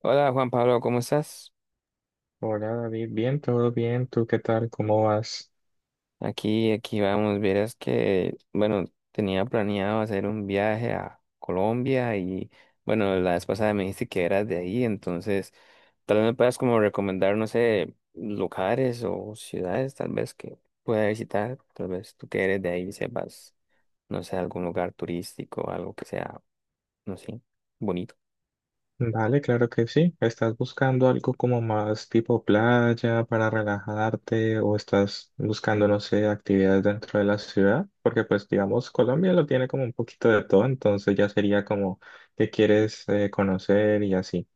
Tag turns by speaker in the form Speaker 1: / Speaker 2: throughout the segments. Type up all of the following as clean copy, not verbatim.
Speaker 1: Hola Juan Pablo, ¿cómo estás?
Speaker 2: Hola David, bien, todo bien, ¿tú qué tal? ¿Cómo vas?
Speaker 1: Aquí vamos, verás que, bueno, tenía planeado hacer un viaje a Colombia y, bueno, la vez pasada me dijiste que eras de ahí, entonces, tal vez me puedas como recomendar, no sé, lugares o ciudades tal vez que pueda visitar, tal vez tú que eres de ahí sepas, no sé, algún lugar turístico, algo que sea, no sé, bonito.
Speaker 2: Vale, claro que sí. ¿Estás buscando algo como más tipo playa para relajarte o estás buscando, no sé, actividades dentro de la ciudad? Porque pues digamos, Colombia lo tiene como un poquito de todo, entonces ya sería como que quieres conocer y así.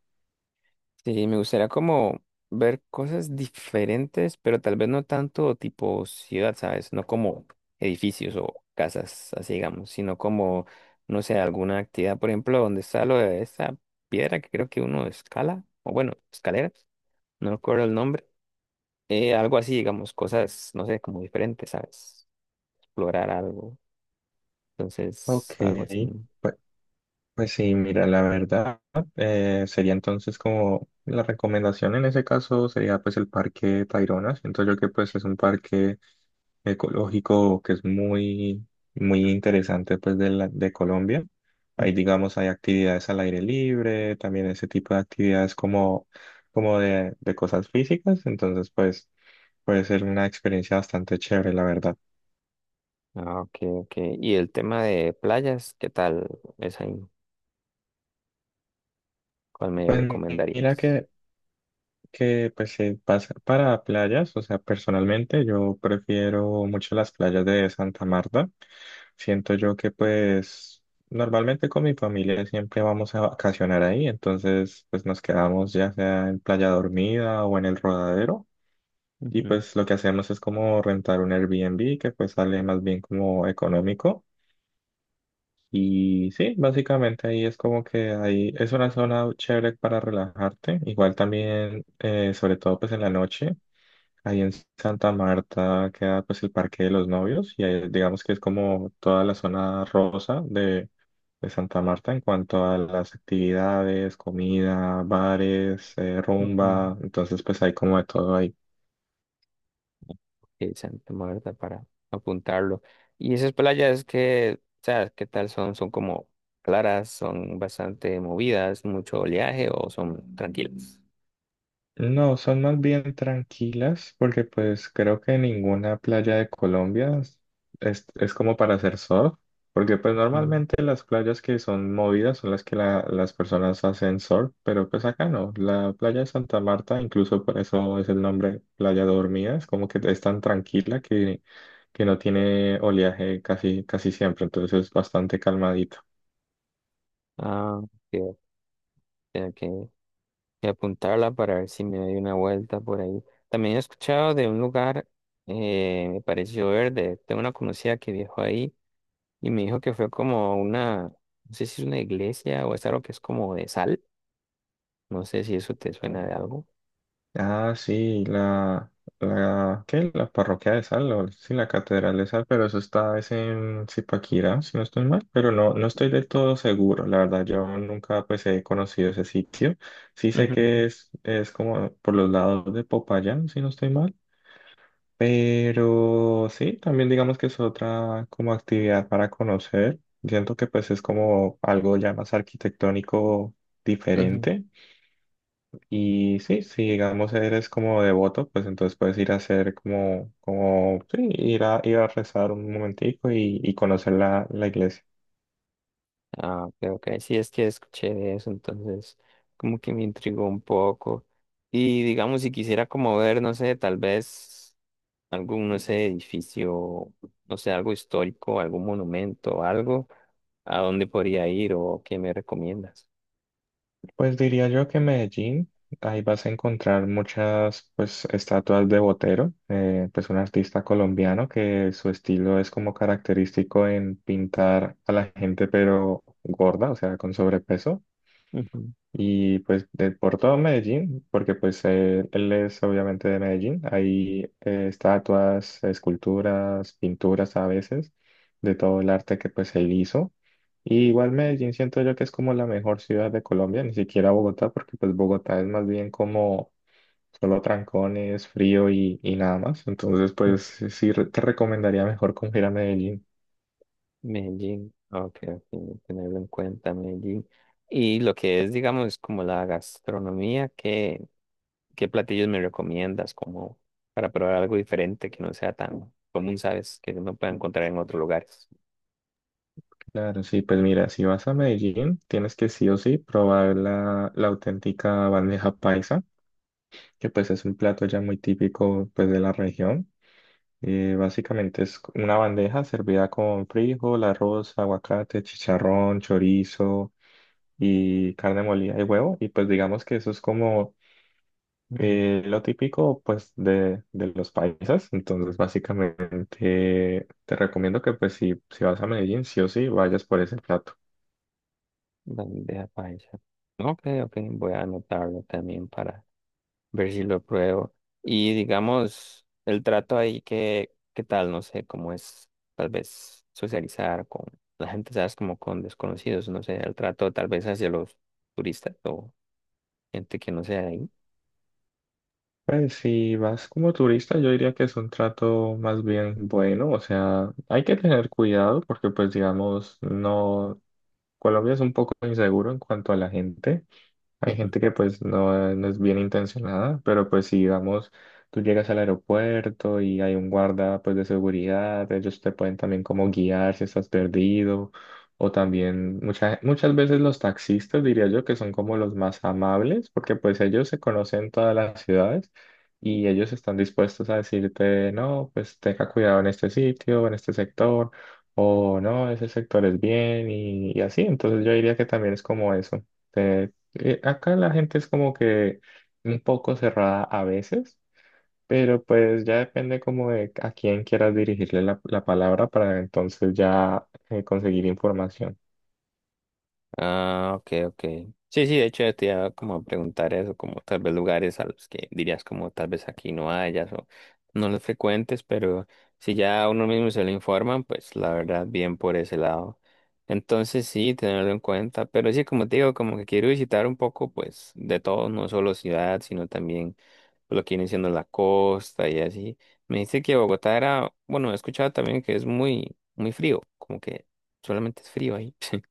Speaker 1: Sí, me gustaría como ver cosas diferentes, pero tal vez no tanto tipo ciudad, ¿sabes? No como edificios o casas, así digamos, sino como, no sé, alguna actividad, por ejemplo, donde está lo de esa piedra que creo que uno escala, o bueno, escalera, no recuerdo el nombre, algo así, digamos, cosas, no sé, como diferentes, ¿sabes? Explorar algo,
Speaker 2: Ok,
Speaker 1: entonces, algo así.
Speaker 2: pues, pues sí, mira, la verdad sería entonces como la recomendación en ese caso sería pues el Parque Tayrona. Siento yo que pues es un parque ecológico que es muy, muy interesante pues de Colombia.
Speaker 1: Mm.
Speaker 2: Ahí digamos hay actividades al aire libre, también ese tipo de actividades como, como de cosas físicas, entonces pues puede ser una experiencia bastante chévere, la verdad.
Speaker 1: Ah, ok, ok. Y el tema de playas, ¿qué tal es ahí? ¿Cuál me
Speaker 2: Pues mira
Speaker 1: recomendarías?
Speaker 2: que pues se pasa para playas, o sea, personalmente yo prefiero mucho las playas de Santa Marta. Siento yo que pues normalmente con mi familia siempre vamos a vacacionar ahí, entonces pues nos quedamos ya sea en Playa Dormida o en el Rodadero y
Speaker 1: Ujú,
Speaker 2: pues lo que hacemos es como rentar un Airbnb que pues sale más bien como económico. Y sí, básicamente ahí es como que ahí es una zona chévere para relajarte. Igual también, sobre todo pues en la noche. Ahí en Santa Marta queda pues el Parque de los Novios y ahí, digamos que es como toda la zona rosa de Santa Marta en cuanto a las actividades, comida, bares,
Speaker 1: ujú.
Speaker 2: rumba, entonces pues hay como de todo ahí.
Speaker 1: Sí, Santa Marta para apuntarlo. Y esas playas que, o sea, ¿qué tal son? ¿Son como claras? ¿Son bastante movidas? ¿Mucho oleaje o son tranquilas?
Speaker 2: No, son más bien tranquilas porque pues creo que ninguna playa de Colombia es como para hacer surf, porque pues
Speaker 1: Ujú.
Speaker 2: normalmente las playas que son movidas son las que las personas hacen surf, pero pues acá no, la playa de Santa Marta, incluso por eso es el nombre Playa Dormida, es como que es tan tranquila que no tiene oleaje casi, casi siempre, entonces es bastante calmadita.
Speaker 1: Ah, ok, ok, tengo que, que apuntarla para ver si me doy una vuelta por ahí. También he escuchado de un lugar, me pareció verde. Tengo una conocida que viajó ahí y me dijo que fue como una, no sé si es una iglesia o es algo que es como de sal. No sé si eso te suena de algo.
Speaker 2: Ah, sí, ¿qué? La parroquia de Sal, o sí, la catedral de Sal, pero eso está, es en Zipaquirá, si no estoy mal, pero no, no estoy del todo seguro, la verdad, yo nunca, pues, he conocido ese sitio, sí sé que
Speaker 1: Ujú,
Speaker 2: es como por los lados de Popayán, si no estoy mal, pero sí, también digamos que es otra como actividad para conocer, siento que, pues, es como algo ya más arquitectónico
Speaker 1: ujú.
Speaker 2: diferente, y sí, si digamos eres como devoto, pues entonces puedes ir a hacer como, como, sí, ir a rezar un momentico y conocer la iglesia.
Speaker 1: Ah, ok, ok. Sí, es que escuché de eso, entonces como que me intrigó un poco. Y digamos, si quisiera como ver, no sé, tal vez algún, no sé, edificio, no sé, algo histórico, algún monumento, algo, ¿a dónde podría ir o qué me recomiendas?
Speaker 2: Pues diría yo que en Medellín, ahí vas a encontrar muchas, pues, estatuas de Botero, pues un artista colombiano que su estilo es como característico en pintar a la gente pero gorda, o sea, con sobrepeso.
Speaker 1: Ujú,
Speaker 2: Y pues por todo Medellín, porque pues él es obviamente de Medellín, hay estatuas, esculturas, pinturas a veces, de todo el arte que pues él hizo. Y igual Medellín siento yo que es como la mejor ciudad de Colombia, ni siquiera Bogotá, porque pues Bogotá es más bien como solo trancones, frío y nada más. Entonces pues sí sí, te recomendaría mejor como ir a Medellín.
Speaker 1: Medellín, ok, ok, tenerlo en cuenta, Medellín. Y lo que es, digamos, como la gastronomía, ¿qué platillos me recomiendas como para probar algo diferente que no sea tan común, sabes, que no pueda encontrar en otros lugares?
Speaker 2: Claro, sí, pues mira, si vas a Medellín, tienes que sí o sí probar la auténtica bandeja paisa, que pues es un plato ya muy típico pues de la región. Básicamente es una bandeja servida con frijol, arroz, aguacate, chicharrón, chorizo y carne molida y huevo. Y pues digamos que eso es como
Speaker 1: Ujú.
Speaker 2: lo típico pues de los paisas. Entonces básicamente te recomiendo que pues si, si vas a Medellín, sí o sí vayas por ese plato.
Speaker 1: Bandeja paisa. Ok, ok, voy a anotarlo también para, ver si lo pruebo. Y digamos, el trato ahí, que ¿qué tal? No sé, cómo es tal vez socializar con la gente, ¿sabes? Como con desconocidos, no sé, el trato tal vez hacia los turistas o gente que no sea de ahí.
Speaker 2: Pues si vas como turista, yo diría que es un trato más bien bueno, o sea, hay que tener cuidado porque pues digamos, no, Colombia es un poco inseguro en cuanto a la gente. Hay gente que pues no, no es bien intencionada, pero pues si digamos, tú llegas al aeropuerto y hay un guarda pues de seguridad, ellos te pueden también como guiar si estás perdido, o también muchas veces los taxistas diría yo que son como los más amables, porque pues ellos se conocen todas las ciudades y ellos están dispuestos a decirte, no, pues tenga cuidado en este sitio, en este sector, o no, ese sector es bien y así, entonces yo diría que también es como eso. ¿Te, acá la gente es como que un poco cerrada a veces, pero pues ya depende como de a quién quieras dirigirle la palabra para entonces ya conseguir información.
Speaker 1: Ah, ok, ok. Sí, sí, de hecho yo te iba como a preguntar eso, como tal vez lugares a los que dirías como tal vez aquí no hayas o no los frecuentes, pero si ya uno mismo se lo informan, pues la verdad bien por ese lado. Entonces sí, tenerlo en cuenta, pero sí, como te digo, como que quiero visitar un poco pues de todo, no solo ciudad, sino también lo que viene siendo la costa y así. Me dice que Bogotá era, bueno, he escuchado también que es muy, muy frío, como que solamente es frío ahí.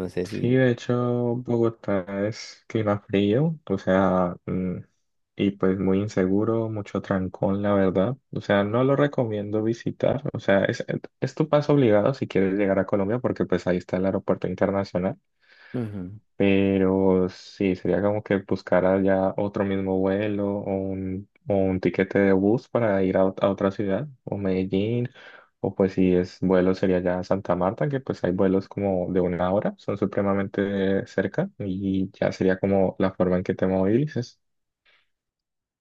Speaker 1: No sé si...
Speaker 2: Sí, de hecho, Bogotá es clima frío, o sea, y pues muy inseguro, mucho trancón, la verdad. O sea, no lo recomiendo visitar, o sea, es tu paso obligado si quieres llegar a Colombia porque pues ahí está el aeropuerto internacional.
Speaker 1: Ujú.
Speaker 2: Pero sí, sería como que buscara ya otro mismo vuelo o o un tiquete de bus para ir a, a otra ciudad, o Medellín, o pues si es vuelo sería ya Santa Marta, que pues hay vuelos como de una hora, son supremamente cerca y ya sería como la forma en que te movilices.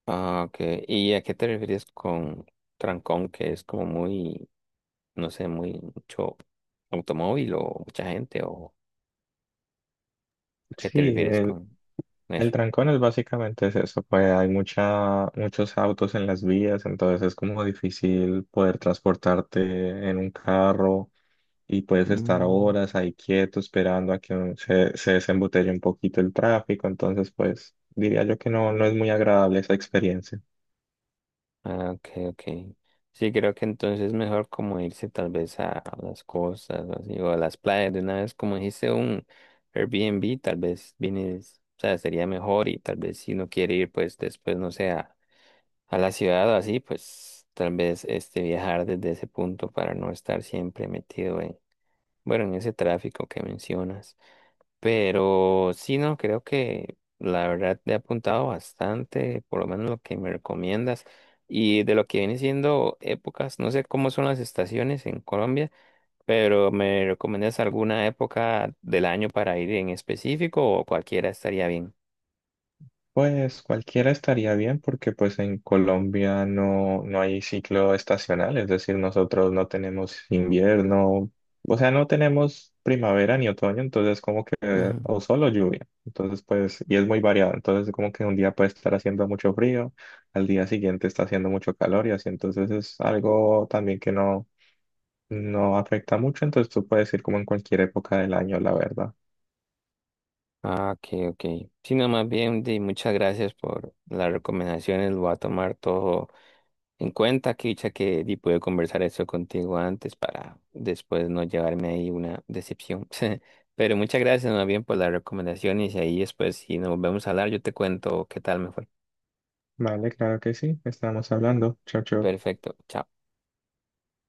Speaker 1: Ah, ok. ¿Y a qué te refieres con trancón, que es como muy, no sé, muy mucho automóvil o mucha gente? ¿O a qué te
Speaker 2: Sí,
Speaker 1: refieres
Speaker 2: el,
Speaker 1: con eso?
Speaker 2: el trancón es básicamente es eso, pues hay mucha, muchos autos en las vías, entonces es como difícil poder transportarte en un carro y puedes estar
Speaker 1: Mm.
Speaker 2: horas ahí quieto esperando a que se desembotelle un poquito el tráfico. Entonces, pues diría yo que no, no es muy agradable esa experiencia.
Speaker 1: Ah, ok, ok. Sí, creo que entonces es mejor como irse tal vez a las costas o así, o a las playas de una vez, como dijiste, un Airbnb, tal vez vienes, o sea, sería mejor y tal vez si no quiere ir, pues después, no sé, a la ciudad o así, pues tal vez este viajar desde ese punto para no estar siempre metido en, bueno, en ese tráfico que mencionas. Pero sí, no, creo que la verdad te he apuntado bastante, por lo menos lo que me recomiendas. Y de lo que viene siendo épocas, no sé cómo son las estaciones en Colombia, pero ¿me recomiendas alguna época del año para ir en específico o cualquiera estaría bien?
Speaker 2: Pues cualquiera estaría bien porque pues en Colombia no, no hay ciclo estacional, es decir, nosotros no tenemos invierno, o sea, no tenemos primavera ni otoño, entonces como que, o solo lluvia, entonces pues, y es muy variado, entonces como que un día puede estar haciendo mucho frío, al día siguiente está haciendo mucho calor y así, entonces es algo también que no, no afecta mucho, entonces tú puedes ir como en cualquier época del año, la verdad.
Speaker 1: Ah, ok, ok. Sí, no, más bien, di, muchas gracias por las recomendaciones. Lo voy a tomar todo en cuenta. Que dicha que di, pude conversar eso contigo antes para después no llevarme ahí una decepción. Pero muchas gracias, más bien, por las recomendaciones. Y ahí después, si nos volvemos a hablar, yo te cuento qué tal me fue.
Speaker 2: Vale, claro que sí, estamos hablando, chao, chao.
Speaker 1: Perfecto. Chao.